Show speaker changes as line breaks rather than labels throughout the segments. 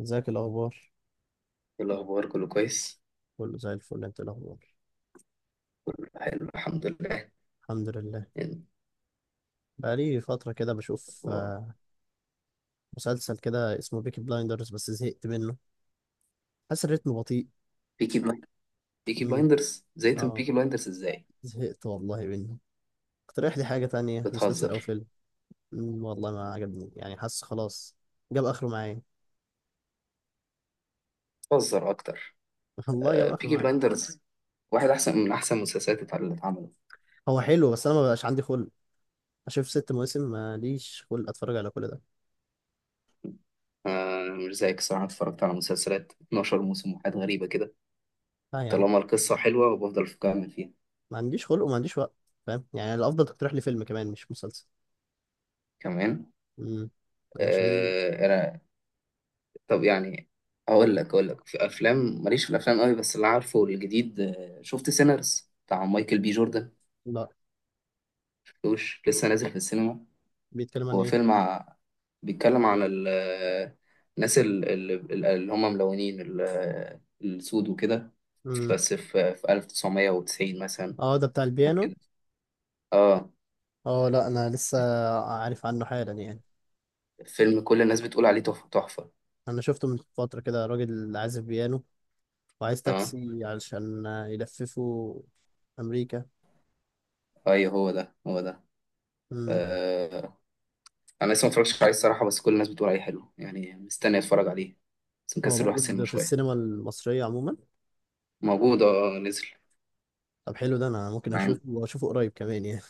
ازيك الاخبار؟
إيه الأخبار؟ كله كويس.
كله زي الفل، انت إيه الاخبار؟
كله حلو، الحمد لله.
الحمد لله. بقالي فتره كده بشوف مسلسل كده اسمه بيكي بلايندرز، بس زهقت منه، حاسس الريتم بطيء.
بيكي بلايندرز. بيكي
امم.
بلايندرز زيتم
اه،
بيكي بلايندرز إزاي؟
زهقت والله منه. اقترح لي حاجه تانية، مسلسل او
بتهزر.
فيلم. والله ما عجبني، يعني حاسس خلاص جاب اخره معايا.
بتهزر أكتر.
والله جاب
آه،
اخره
بيكي
معايا.
بلايندرز واحد أحسن من أحسن المسلسلات اللي اتعملت.
هو حلو بس انا ما بقاش عندي خلق اشوف 6 مواسم، ماليش خلق اتفرج على كل ده.
آه، مش زيك الصراحة، أنا اتفرجت على مسلسلات 12 موسم وحاجات غريبة كده.
لا يا عم،
طالما القصة حلوة وبفضل أكمل فيها.
ما عنديش خلق وما عنديش وقت، فاهم؟ يعني الافضل تقترح لي فيلم كمان مش مسلسل.
كمان.
امم. عشان.
آه، أنا... طب يعني، أقول لك في أفلام، ماليش في الأفلام قوي، بس اللي عارفه الجديد، شفت سينرز بتاع مايكل بي جوردن؟
لا.
شفتوش؟ لسه نازل في السينما.
بيتكلم عن
هو
ايه؟
بيتكلم عن الناس اللي هم ملونين، السود وكده.
امم
بس في 1990 مثلا
اه ده بتاع البيانو؟
كده. اه.
اه، لا، انا لسه عارف عنه حالا يعني.
فيلم كل الناس بتقول عليه تحفة تحفة.
انا شفته من فترة كده، راجل عازف بيانو وعايز
اه،
تاكسي علشان يلففه امريكا.
ايوه، هو ده هو ده.
امم.
آه. انا لسه ما اتفرجتش عليه الصراحة، بس كل الناس بتقول عليه حلو يعني، مستني اتفرج عليه. بس
هو
مكسل اروح
موجود
السينما
في
شوية.
السينما المصرية عموما؟
موجود، اه، نزل
طب حلو ده، انا ممكن اشوفه واشوفه قريب كمان يعني.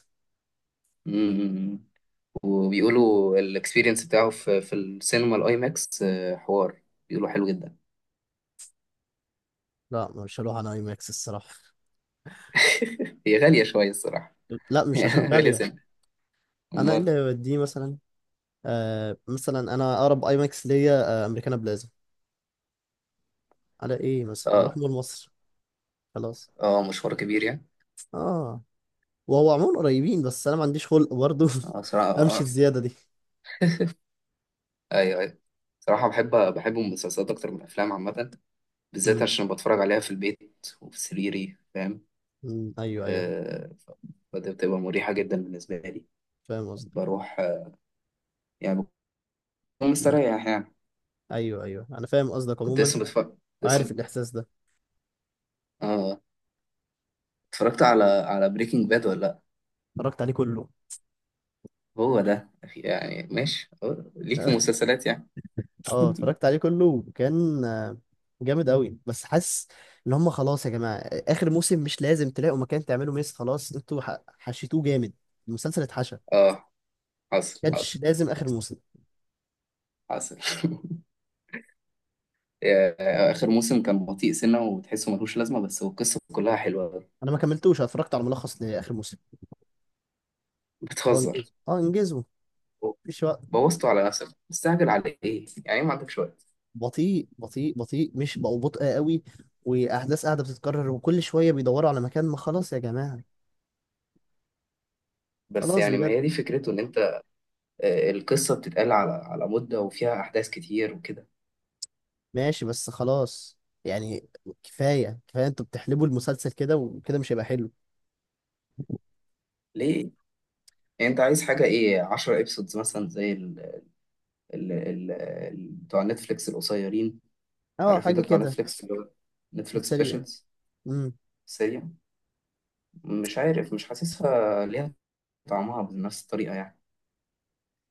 معانا. وبيقولوا الاكسبيرينس بتاعه في السينما الاي ماكس، حوار. بيقولوا حلو جدا.
لا مش هروح على اي ماكس الصراحة.
هي غالية شوية الصراحة.
لا، مش عشان
غالية
غالية.
سنة.
انا إيه اللي
أمال.
هيوديه مثلا؟ مثلا انا اقرب اي ماكس ليا امريكانا بلازا، على ايه مثلا واروح
اه،
مول مصر؟ خلاص.
اه، مشوار كبير يعني.
اه، وهو عموما قريبين، بس انا ما عنديش خلق برضه.
اه، صراحة، اه.
امشي
آه.
الزياده دي.
ايوه، ايوه، صراحة بحب المسلسلات أكتر من الأفلام عامة. بالذات
مم.
عشان بتفرج عليها في البيت وفي سريري، فاهم.
مم. ايوه، ايوه،
آه، فدي بتبقى مريحة جدا بالنسبة لي.
فاهم قصدك.
بروح، يعني، بكون
مم.
مستريح يعني.
ايوه، ايوه، انا فاهم قصدك
كنت
عموما،
لسه بتفرج،
وعارف
لسه.
الاحساس ده.
اه، اتفرجت على بريكنج باد ولا لأ؟
اتفرجت عليه كله.
هو ده. يعني ماشي، ليك في مسلسلات يعني.
اه اتفرجت عليه كله، وكان جامد قوي، بس حاسس ان هم خلاص يا جماعه، اخر موسم مش لازم تلاقوا مكان تعملوا ميس، خلاص انتوا حشيتوه جامد، المسلسل اتحشى.
اه، حصل
كانش
حصل.
لازم اخر
حصل.
موسم.
حصل. اخر موسم كان بطيء سنه وتحسه ملوش لازمه، بس هو القصه كلها حلوه أوي.
انا ما كملتوش. أنا اتفرجت على ملخص لاخر موسم. اه انجزوا،
بتهزر؟
انجزوا، مفيش وقت.
بوظته على نفسك! مستعجل على ايه يعني؟ إيه، ما عندكش وقت؟
بطيء بطيء بطيء، مش بقوا بطء قوي. واحداث قاعده بتتكرر وكل شويه بيدوروا على مكان، ما خلاص يا جماعه.
بس
خلاص
يعني ما
بجد.
هي دي فكرته، ان انت... القصه بتتقال على مده، وفيها احداث كتير وكده.
ماشي بس خلاص يعني. كفايه كفايه، انتوا بتحلبوا المسلسل كده، وكده مش هيبقى حلو.
ليه؟ يعني انت عايز حاجه ايه، 10 ابسودز مثلا زي بتوع نتفليكس القصيرين؟
اه
عارف،
حاجه
انت بتاع
كده،
نتفليكس، اللي هو
في
نتفليكس
السريع.
سبيشلز.
امم.
سيريا. مش عارف، مش حاسسها ليها طعمها بنفس الطريقة يعني.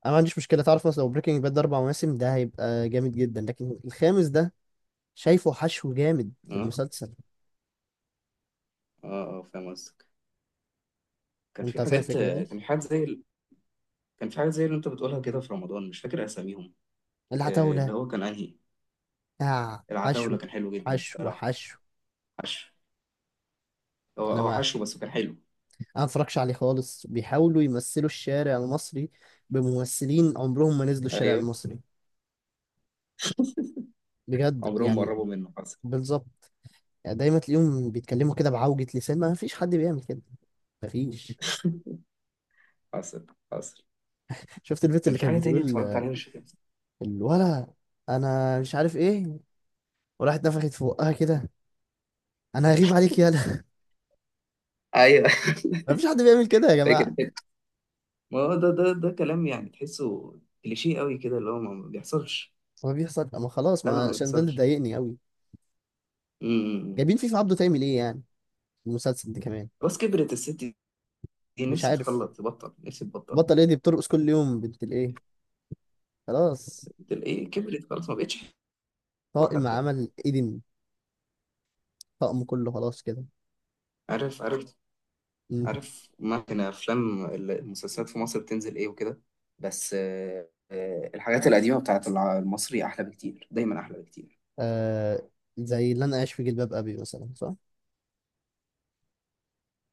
انا ما عنديش مشكله، تعرف مثلا لو بريكنج باد 4 مواسم ده هيبقى جامد جدا، لكن الخامس ده شايفه حشو جامد في
اه،
المسلسل.
اه، فاهم قصدك.
انت فاهم الفكره دي؟
كان في حاجات زي كان في حاجات زي اللي انت بتقولها كده في رمضان، مش فاكر اساميهم.
اللي
اللي
هتقوله.
هو كان انهي؟ العتاولة،
حشو
كان حلو جدا
حشو
الصراحة.
حشو.
حشو. هو
انا
هو
ما
حشو، بس كان حلو.
انا متفرجش عليه خالص، بيحاولوا يمثلوا الشارع المصري بممثلين عمرهم ما نزلوا الشارع
ايوه.
المصري. بجد
عمرهم ما
يعني.
قربوا منه. حصل.
بالظبط. يعني دايما تلاقيهم بيتكلموا كده بعوجة لسان، ما فيش حد بيعمل كده، ما فيش.
حصل. حصل.
شفت البنت
كان
اللي
في
كانت
حاجة تانية
بتقول
اتفرجت عليها، مش فاكر.
الولا، انا مش عارف ايه، وراحت نفخت في بقها كده؟ انا هغيب عليك، يالا
ايوه.
ما فيش حد بيعمل كده يا
فاكر.
جماعة.
ما هو ده كلام، يعني تحسه كليشيه قوي كده، اللي هو ما بيحصلش.
ما بيحصل، ما خلاص،
فعلا
ما
ما
عشان ده اللي
بيحصلش.
ضايقني قوي.
امم
جايبين فيفا عبده تعمل ايه يعني، المسلسل ده كمان.
بس كبرت الست دي،
مش
نفسي
عارف.
تخلص تبطل، نفسي تبطل.
بطل ايه؟ دي بترقص كل يوم بنت الايه. خلاص.
تلاقيه كبرت خلاص، ما بقتش حلوه
طاقم
حتى.
عمل إيدن، طقم كله خلاص كده.
عارف. عارف.
مم.
عارف ممكن افلام المسلسلات في مصر بتنزل ايه وكده. بس الحاجات القديمه بتاعت المصري احلى بكتير، دايما احلى بكتير.
آه، زي اللي أنا عايش في جلباب أبي مثلا، صح؟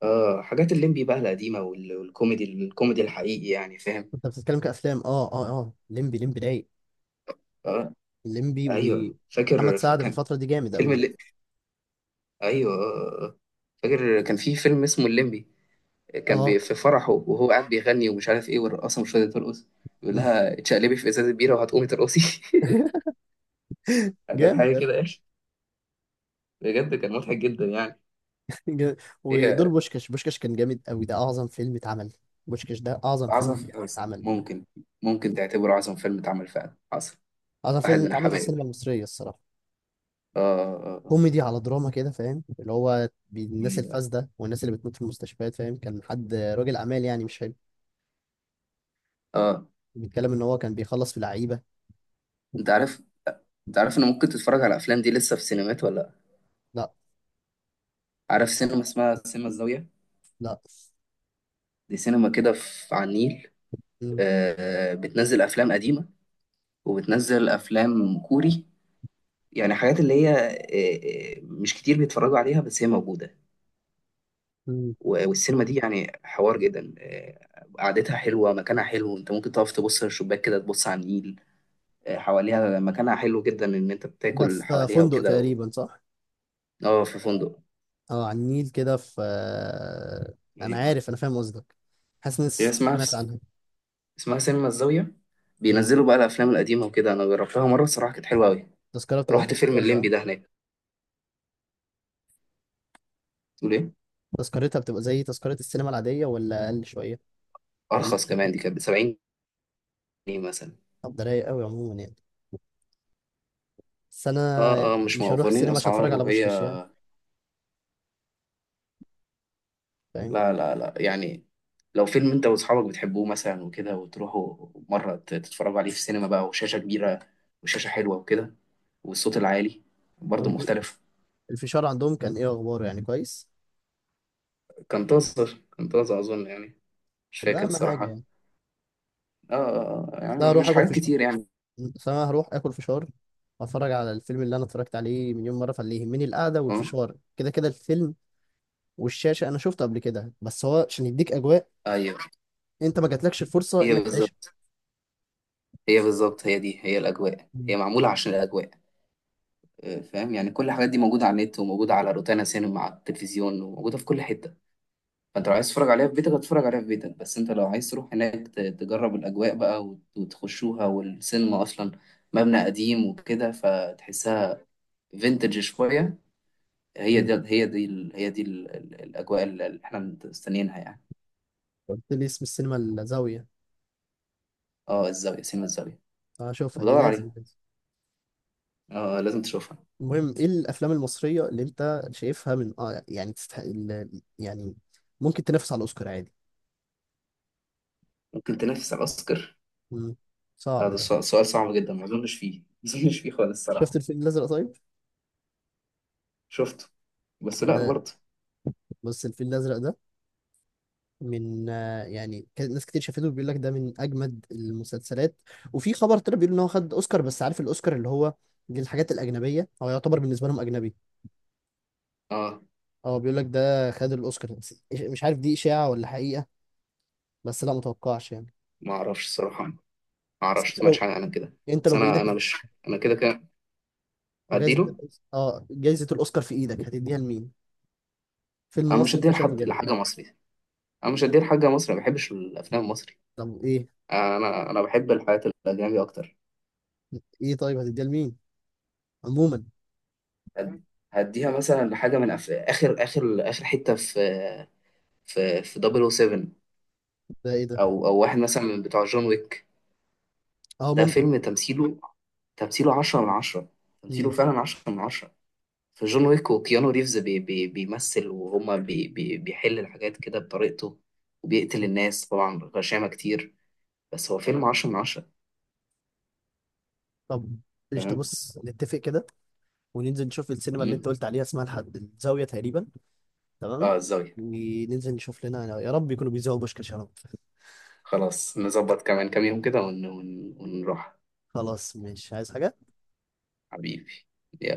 اه، حاجات الليمبي بقى القديمه، الكوميدي الحقيقي يعني، فاهم.
أنت بتتكلم كأفلام؟ أه أه أه ليمبي رايق.
اه،
ليمبي
ايوه،
ومحمد
فاكر.
سعد في
كان
الفترة دي جامد أوي.
فيلم. ايوه. آه. فاكر كان في فيلم اسمه الليمبي.
أه
في فرحه وهو قاعد بيغني ومش عارف ايه، والرقاصه مش راضيه ترقص. بيقول لها اتشقلبي في ازازه بيره وهتقومي ترقصي. كانت
جامد
حاجه
أوي.
كده يا اخي، بجد كان مضحك جدا يعني.
جامد. ودور
هي.
بوشكاش كان جامد أوي، ده أعظم فيلم اتعمل. بوشكاش ده أعظم فيلم
عظم.
بجد اتعمل،
ممكن ممكن تعتبره عظم فيلم اتعمل فعلا. حصل.
أعظم
واحد
فيلم
من
اتعمل في
الحبايب.
السينما المصرية الصراحة.
اه، اه،
كوميدي على دراما كده، فاهم؟ اللي هو الناس
اه.
الفاسدة، والناس اللي بتموت في المستشفيات، فاهم؟ كان حد راجل أعمال يعني، مش
آه.
بيتكلم ان هو كان بيخلص في لعيبه.
انت عارف انت عارف ان ممكن تتفرج على الافلام دي لسه في سينمات ولا لأ؟
لا،
عارف سينما اسمها سينما الزاويه؟
لا.
دي سينما كده في على النيل.
مم.
بتنزل افلام قديمه. وبتنزل افلام كوري. يعني حاجات اللي هي مش كتير بيتفرجوا عليها، بس هي موجوده.
مم.
والسينما دي يعني حوار جدا، قعدتها حلوه، مكانها حلو، انت ممكن تقف تبص من الشباك كده تبص على النيل. حواليها مكانها حلو جدا، ان انت
ده
بتاكل
في
حواليها
فندق
وكده.
تقريبا، صح؟
اه، في فندق.
اه، على النيل كده، في انا
ايوه.
عارف، انا فاهم قصدك. حاسس اني
هي اسمها في
سمعت عنها.
اسمها سينما الزاويه.
مم.
بينزلوا بقى الافلام القديمه وكده، انا جربتها مره الصراحه، كانت حلوه قوي.
التذكره بتبقى في
رحت
حدود
فيلم
كام بقى؟
الليمبي ده هناك، تقول ايه.
تذكرتها بتبقى زي تذكره السينما العاديه، ولا اقل شويه، ولا
ارخص
اكتر؟
كمان، دي كانت ب 70 جنيه مثلا.
طب ده رايق قوي عموما يعني. بس انا
اه، اه،
يعني
مش
مش هروح
موفرين
السينما عشان اتفرج
اسعار
على
وهي.
بوشكاش يعني، فاهم؟
لا، لا، لا، يعني لو فيلم انت واصحابك بتحبوه مثلا وكده وتروحوا مرة تتفرجوا عليه في السينما بقى، وشاشة كبيرة، وشاشة حلوة وكده، والصوت العالي،
طب
برضه مختلف.
الفشار عندهم كان ايه اخباره يعني، كويس؟
كان طازر، كان طازة اظن يعني، مش
طب ده
فاكر
اهم حاجه
الصراحة.
يعني.
اه، يعني
لا، اروح
مش
اكل
حاجات
فشار.
كتير يعني.
فانا هروح اكل فشار واتفرج على الفيلم اللي انا اتفرجت عليه مليون مره. فاللي يهمني القعده
اه،
والفشار، كده كده الفيلم والشاشه انا شفته قبل كده. بس هو عشان يديك اجواء،
ايوه.
انت ما جاتلكش الفرصه
هي
انك تعيشها.
بالظبط، هي بالظبط، هي دي هي الاجواء،
مم.
هي معمولة عشان الاجواء. فاهم يعني، كل الحاجات دي موجودة على النت وموجودة على روتانا سينما على التلفزيون وموجودة في كل حتة. فانت لو عايز تتفرج عليها في بيتك هتتفرج عليها في بيتك، بس انت لو عايز تروح هناك تجرب الاجواء بقى وتخشوها، والسينما اصلا مبنى قديم وكده، فتحسها فينتج شويه. هي
مم.
دي هي دي ال- هي دي ال- الاجواء اللي احنا مستنيينها يعني.
قلت لي اسم السينما الزاويه؟
اه، الزاويه، سينما الزاويه.
هشوفها دي،
بدور
لازم
عليها.
لازم.
اه، لازم تشوفها.
المهم، ايه الافلام المصريه اللي انت شايفها من يعني تستحق يعني ممكن تنافس على الاوسكار عادي؟
ممكن تنافس على الاوسكار؟
مم.
لا،
صعب
ده
ده.
سؤال صعب جدا، ما اظنش فيه. ما اظنش فيه خالص
شفت
الصراحه.
الفيل الازرق، طيب؟
شفته، بس لا
ده
برضه.
بص، الفيل الازرق ده من يعني كان ناس كتير شافته بيقول لك ده من اجمد المسلسلات. وفي خبر طلع بيقول ان هو خد اوسكار، بس عارف الاوسكار اللي هو للحاجات الاجنبيه، هو يعتبر بالنسبه لهم اجنبي.
اه،
اه، بيقول لك ده خد الاوسكار، بس مش عارف دي اشاعه ولا حقيقه. بس لا متوقعش يعني.
ما اعرفش الصراحه،
بس
ما
انت
سمعتش
لو
حاجه عن كده.
انت
بس
لو
انا
بايدك،
انا مش... انا كده كده
جايزه
اديله.
الأوس- اه جايزه الاوسكار في ايدك هتديها لمين؟ فيلم
انا مش
مصري انت
هديها
شايفه
لحد،
جامد؟
لحاجه مصري. انا مش هديها لحاجه مصري، ما بحبش الافلام المصري.
طب ايه؟
انا بحب الحاجات الاجنبي اكتر.
ايه طيب هتديها لمين عموما؟
هد- هديها مثلا لحاجه من اخر حته في في 007 او سبعة،
ده ايه ده؟
او واحد مثلا من بتوع جون ويك.
اه
ده
ممكن.
فيلم تمثيله 10 من 10. تمثيله
مم.
فعلا 10 من 10. في جون ويك وكيانو ريفز بي بي بيمثل، وهما بي بي بيحل الحاجات كده بطريقته، وبيقتل الناس طبعا غشامة كتير. بس هو فيلم 10 من 10،
طب ايش ده،
فاهم؟
بص نتفق كده، وننزل نشوف السينما اللي انت قلت عليها اسمها الحد الزاوية تقريبا. تمام.
اه، الزاوية.
وننزل نشوف لنا يا رب يكونوا بيذيعوا بوشكاش يا رب.
خلاص، نظبط كمان كام يوم كده ونروح.
خلاص مش عايز حاجة.
حبيبي، يلا.